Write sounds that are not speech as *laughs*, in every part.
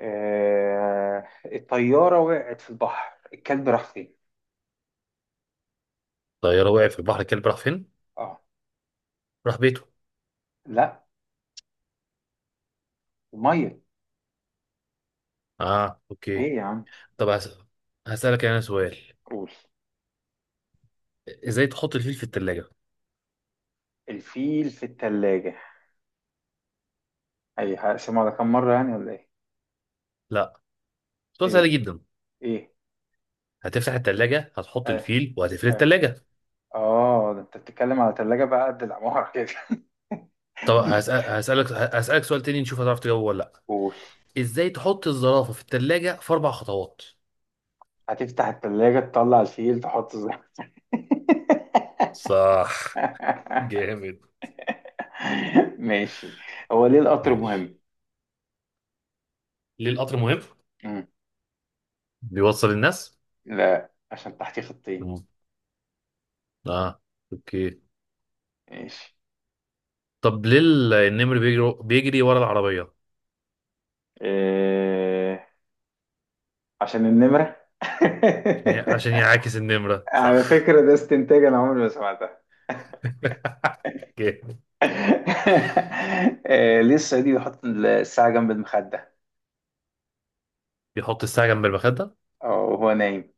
آه، الطيارة وقعت في البحر، الكلب راح فين؟ طيارة وقع في البحر الكلب راح فين؟ اه. راح بيته. لا. المية. اه، اوكي. ايه يا عم؟ طب هسألك انا سؤال. قول. ازاي تحط الفيل في التلاجة؟ الفيل في التلاجة. اي هقسمها على كام مرة يعني ولا ايه؟ لا، سؤال ايه. سهل جدا. ايه. هتفتح التلاجة، هتحط اه. الفيل وهتقفل اه. التلاجة. اه، ده انت بتتكلم على تلاجة بقى قد العمارة كده. طب هسأل... *laughs* هسألك هسألك سؤال تاني نشوف هتعرف تجاوبه ولا لا. قول. ازاي تحط الزرافة في التلاجة في أربع خطوات؟ هتفتح التلاجة، تطلع الفيل، تحطه زي. صح، جامد، *laughs* ماشي. هو ليه القطر ماشي. مهم؟ ليه القطر مهم؟ مم. بيوصل الناس؟ لا، عشان تحتيه خطين. مم. اه، اوكي. ماشي. طب ليه النمر بيجري ورا العربية؟ إيه، عشان النمرة. عشان عشان *laughs* يعاكس النمرة، على صح. فكرة ده استنتاج، أنا عمري ما سمعتها. جامد. *laughs* إيه، ليه الصعيدي بيحط الساعة جنب المخدة بيحط الساعة جنب المخدة وهو نايم؟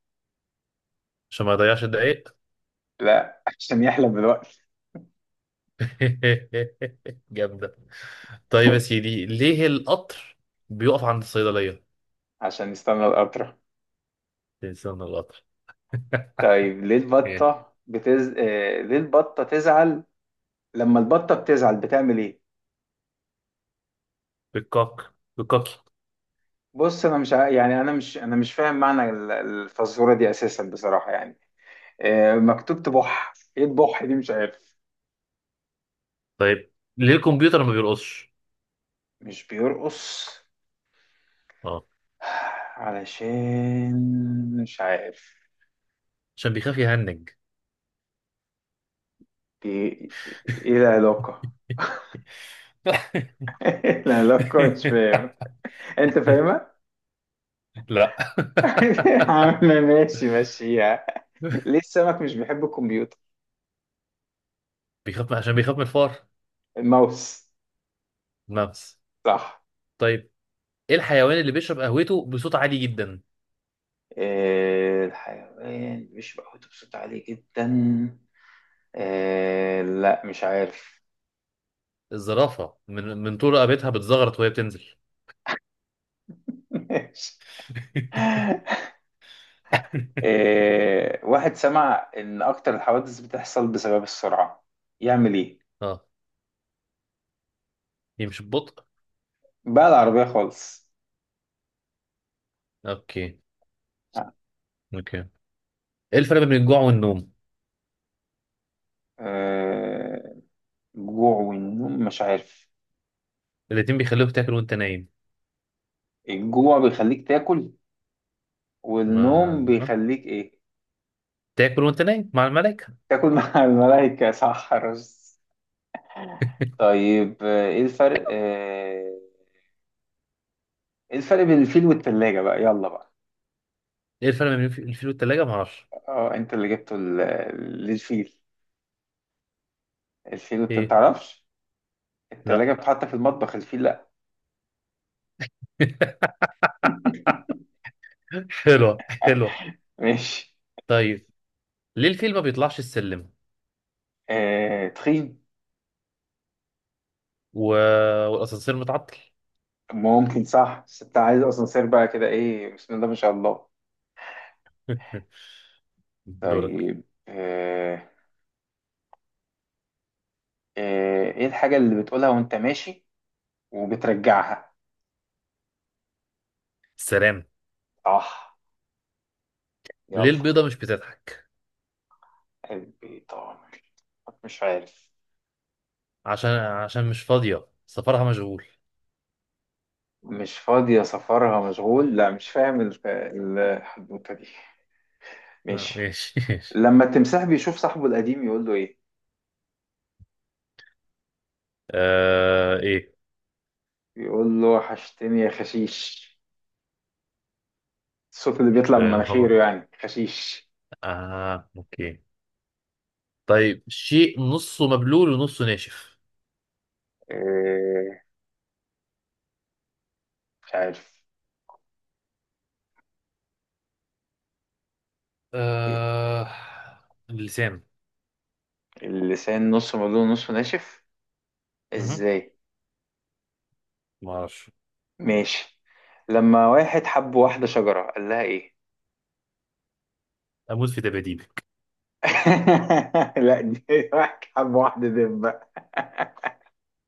عشان ما يضيعش الدقايق. لا، عشان يحلم بالوقت. *laughs* جامدة. طيب يا سيدي، ليه القطر بيقف عند الصيدلية؟ عشان يستنى القطرة. تنسان القطر. *laughs* طيب، ليه ايه؟ البطة إيه، ليه البطة تزعل؟ لما البطة بتزعل بتعمل إيه؟ بالكوك بالكوكي. بص، أنا مش ع- يعني أنا مش فاهم معنى الفزورة دي أساسا بصراحة يعني. إيه مكتوب تبح؟ إيه تبح دي مش عارف. طيب ليه الكمبيوتر ما بيرقصش؟ مش بيرقص. اه، علشان مش عارف. عشان بيخاف يهنج. بي... ايه العلاقة؟ *laughs* *laughs* إيه العلاقة؟ مش فاهم. انت فاهمها. لا. *laughs* عامة، *laughs* ماشي، ماشيها. ليه السمك مش بيحب الكمبيوتر؟ بيخاف، عشان بيخاف من الفار. الماوس. الممس. صح. طيب، ايه الحيوان اللي بيشرب قهوته بصوت عالي جدا؟ إيه الحيوان مش بقوته بصوت عالي جدا؟ إيه، لا مش عارف. الزرافة من طول رقبتها بتزغرط وهي بتنزل. *laughs* ماشي. *laughs* إيه، واحد سمع إن أكتر الحوادث بتحصل بسبب السرعة، يعمل إيه؟ اه، دي مش ببطء. بقى العربية خالص. اوكي، اوكي. ايه الفرق بين الجوع والنوم؟ إيه الجوع والنوم؟ مش عارف. الاتنين بيخلوك تاكل وانت نايم. الجوع بيخليك تاكل، ما والنوم آه. بيخليك إيه؟ تاكل وانت نايم مع الملائكة. تاكل مع *laughs* الملائكة. صح، رز. طيب، إيه الفرق؟ إيه، إيه الفرق بين الفيل والتلاجة بقى، يلا بقى. ايه الفرق بين الفيل والتلاجة؟ ما اعرفش. أه، أنت اللي جبته للفيل، الفيل أنت ايه؟ متعرفش. التلاجة لا. بتتحط في المطبخ، الفيل لأ. *laughs* *laughs* حلوة، حلوة. ماشي. طيب ليه الفيل ما بيطلعش السلم آه، تخين. و... والاسانسير متعطل؟ ممكن صح، بس انت عايز اصلا سير بقى كده، ايه، بسم الله ما شاء الله. *laughs* دورك. طيب، ايه الحاجة اللي بتقولها وانت ماشي وبترجعها؟ سلام. صح. يلا. ليه البيضة مش بتضحك؟ قلبي طامر. مش عارف. عشان مش فاضية، سفرها مشغول. مش فاضية سفرها مشغول، لا مش فاهم الحدوتة دي. آه، ماشي. ماشي. *laughs* لما التمساح بيشوف صاحبه القديم يقول له ايه؟ آه، ايه؟ بيقول له وحشتني يا خشيش. الصوت اللي بيطلع من فاهم، مناخيره هبط. يعني خشيش. اه، اوكي. طيب، شيء نصه مبلول ونصه ناشف. آه، مش عارف. آه، اللسان. اللسان نص مبلول نص ناشف، مهم. ازاي؟ ما اعرفش. ماشي. لما واحد حب واحدة شجرة قال لها ايه؟ اموت في دباديبي. *laughs* لا، دي واحد حب واحدة دبة. *laughs*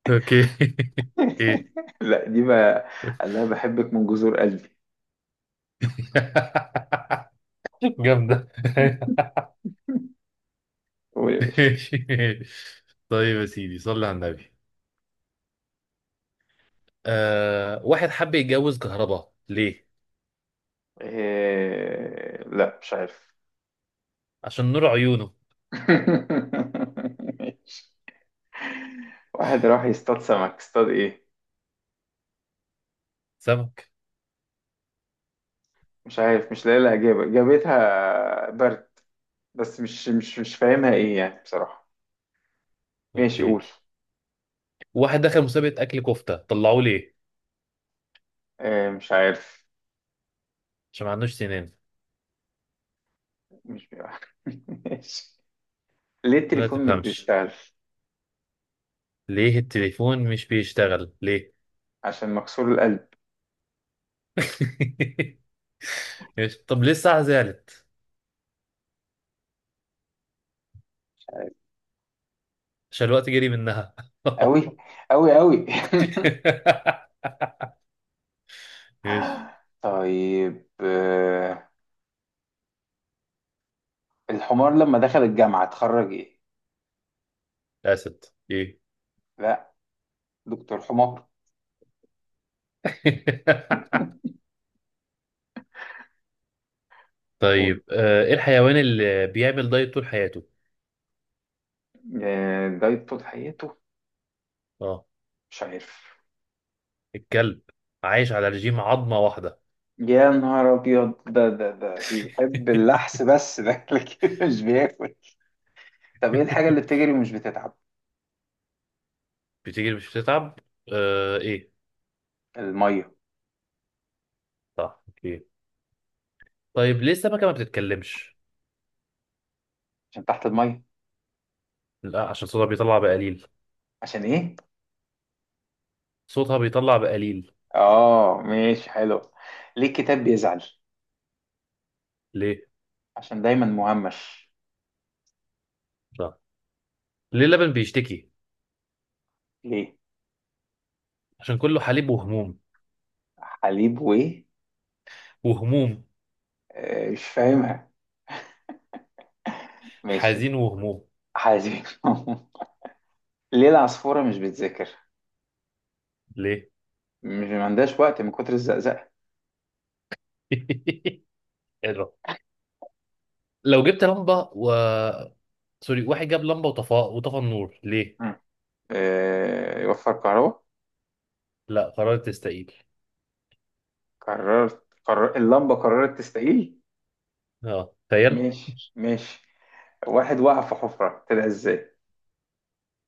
اوكي. *laughs* ايه؟ لا دي بقى، قال لها بحبك من جذور قلبي. *laughs* جامدة. قول يا *laughs* باشا. ماشي. طيب يا سيدي، صلي على النبي. آه، واحد حب يتجوز كهرباء، ليه؟ لا مش عارف. عشان نور عيونه. *laughs* ماشي. واحد راح يصطاد سمك اصطاد ايه؟ سمك. مش عارف، مش لاقي لها اجابة، جابتها برد، بس مش فاهمها ايه يعني بصراحة. ماشي، اوكي. قول. واحد دخل مسابقة أكل كفتة، طلعوه ليه؟ مش عارف. عشان ما عندوش سنان. مش. *laughs* ماشي. ليه ما التليفون مش تفهمش. بيشتغل؟ ليه التليفون مش بيشتغل ليه؟ عشان مكسور القلب. *laughs* طب ليه الساعة زعلت؟ مش عارف. عشان الوقت جري منها. أوي. أوي أوي. *laughs* ماشي. *laughs* طيب، الحمار لما دخل الجامعة اتخرج إيه؟ اسد. ايه؟ لا، دكتور حمار. *laughs* قول. طيب آه، ايه الحيوان اللي بيعمل دايت طول حياته؟ ده طول حياته؟ اه. مش عارف. الكلب، عايش على رجيم عظمة واحدة. يا نهار أبيض، ده بيحب اللحس *laughs* بس ده *laughs* لكن مش بياكل. طب إيه الحاجة اللي بتجري ومش بتتعب؟ بتجري مش بتتعب. آه، ايه؟ المية. صح، اوكي. طيب ليه السمكة ما بتتكلمش؟ عشان تحت المية. لا، عشان صوتها بيطلع بقليل. عشان إيه؟ صوتها بيطلع بقليل. اه، ماشي حلو. ليه الكتاب بيزعل؟ ليه؟ عشان دايما مهمش. صح. ليه اللبن بيشتكي؟ ليه؟ عشان كله حليب وهموم. حليب وايه؟ وهموم. مش فاهمها. ماشي. حزين وهموم. حليب. *laughs* ليه العصفورة مش بتذاكر؟ ليه؟ مش، ما عندهاش وقت من كتر الزقزقة. *laughs* الرب. لو جبت لمبة و واحد جاب لمبة وطفى، وطفى النور ليه؟ مم. يوفر كهرباء. لا، قررت تستقيل. قرر اللمبة، قررت تستقيل. اه، تخيل. ماشي، ماشي. واحد وقع في حفرة طلع ازاي؟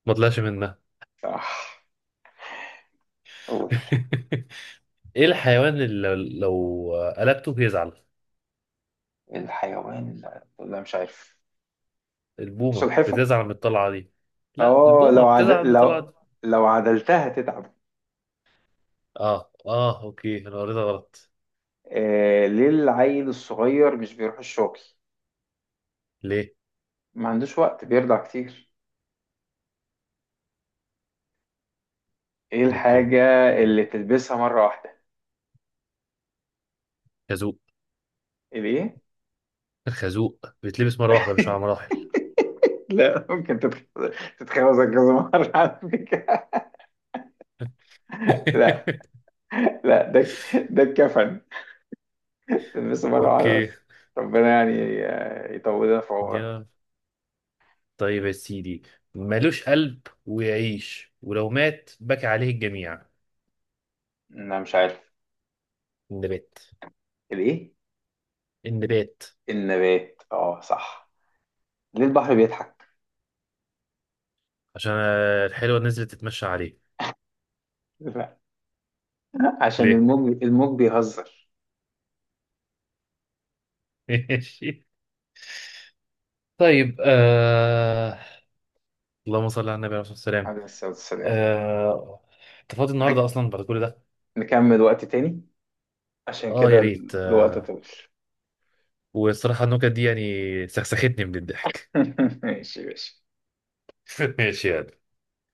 ما طلعش منها. صح. قول. *laughs* ايه الحيوان اللي لو قلبته بيزعل؟ الحيوان، لا مش عارف. البومة سلحفة. بتزعل من الطلعة دي. لا، اه، البومة لو عد... بتزعل من الطلعة دي. لو لو عدلتها تتعب. اه، اه، اوكي، انا قريتها غلط. ليه العيل الصغير مش بيروح الشغل؟ ليه؟ ما عندوش وقت، بيرضع كتير. ايه اوكي. الحاجة مم. اللي تلبسها مرة واحدة؟ خازوق. الايه؟ الخازوق بيتلبس مرة واحدة، مش على *laughs* مراحل. لا، ممكن تتخوزك كذا *laughs* مرة على فكرة. لا. *laughs* لا، ده الكفن، تلبسه مرة واحدة اوكي. بس. ربنا يعني يطولنا في عمرك. يا، طيب يا سيدي، ملوش قلب ويعيش ولو مات بكى عليه الجميع. انا مش عارف. النبات. الايه؟ النبات. النبات. اه صح. ليه البحر بيضحك؟ عشان آه، الحلوة نزلت تتمشى عليه. لا، عشان ليه؟ الموج بيهزر. *laughs* ماشي. طيب آه... اللهم صل على النبي، عليه الصلاة والسلام. عليه الصلاة والسلام. آه... انت فاضي النهارده نك- اصلا بعد كل ده؟ نكمل وقت تاني، عشان اه، يا كده ريت. الوقت آه... طويل. والصراحة النكت دي يعني سخسختني من الضحك. *laughs* ماشي، ماشي. *laughs* ماشي يعني.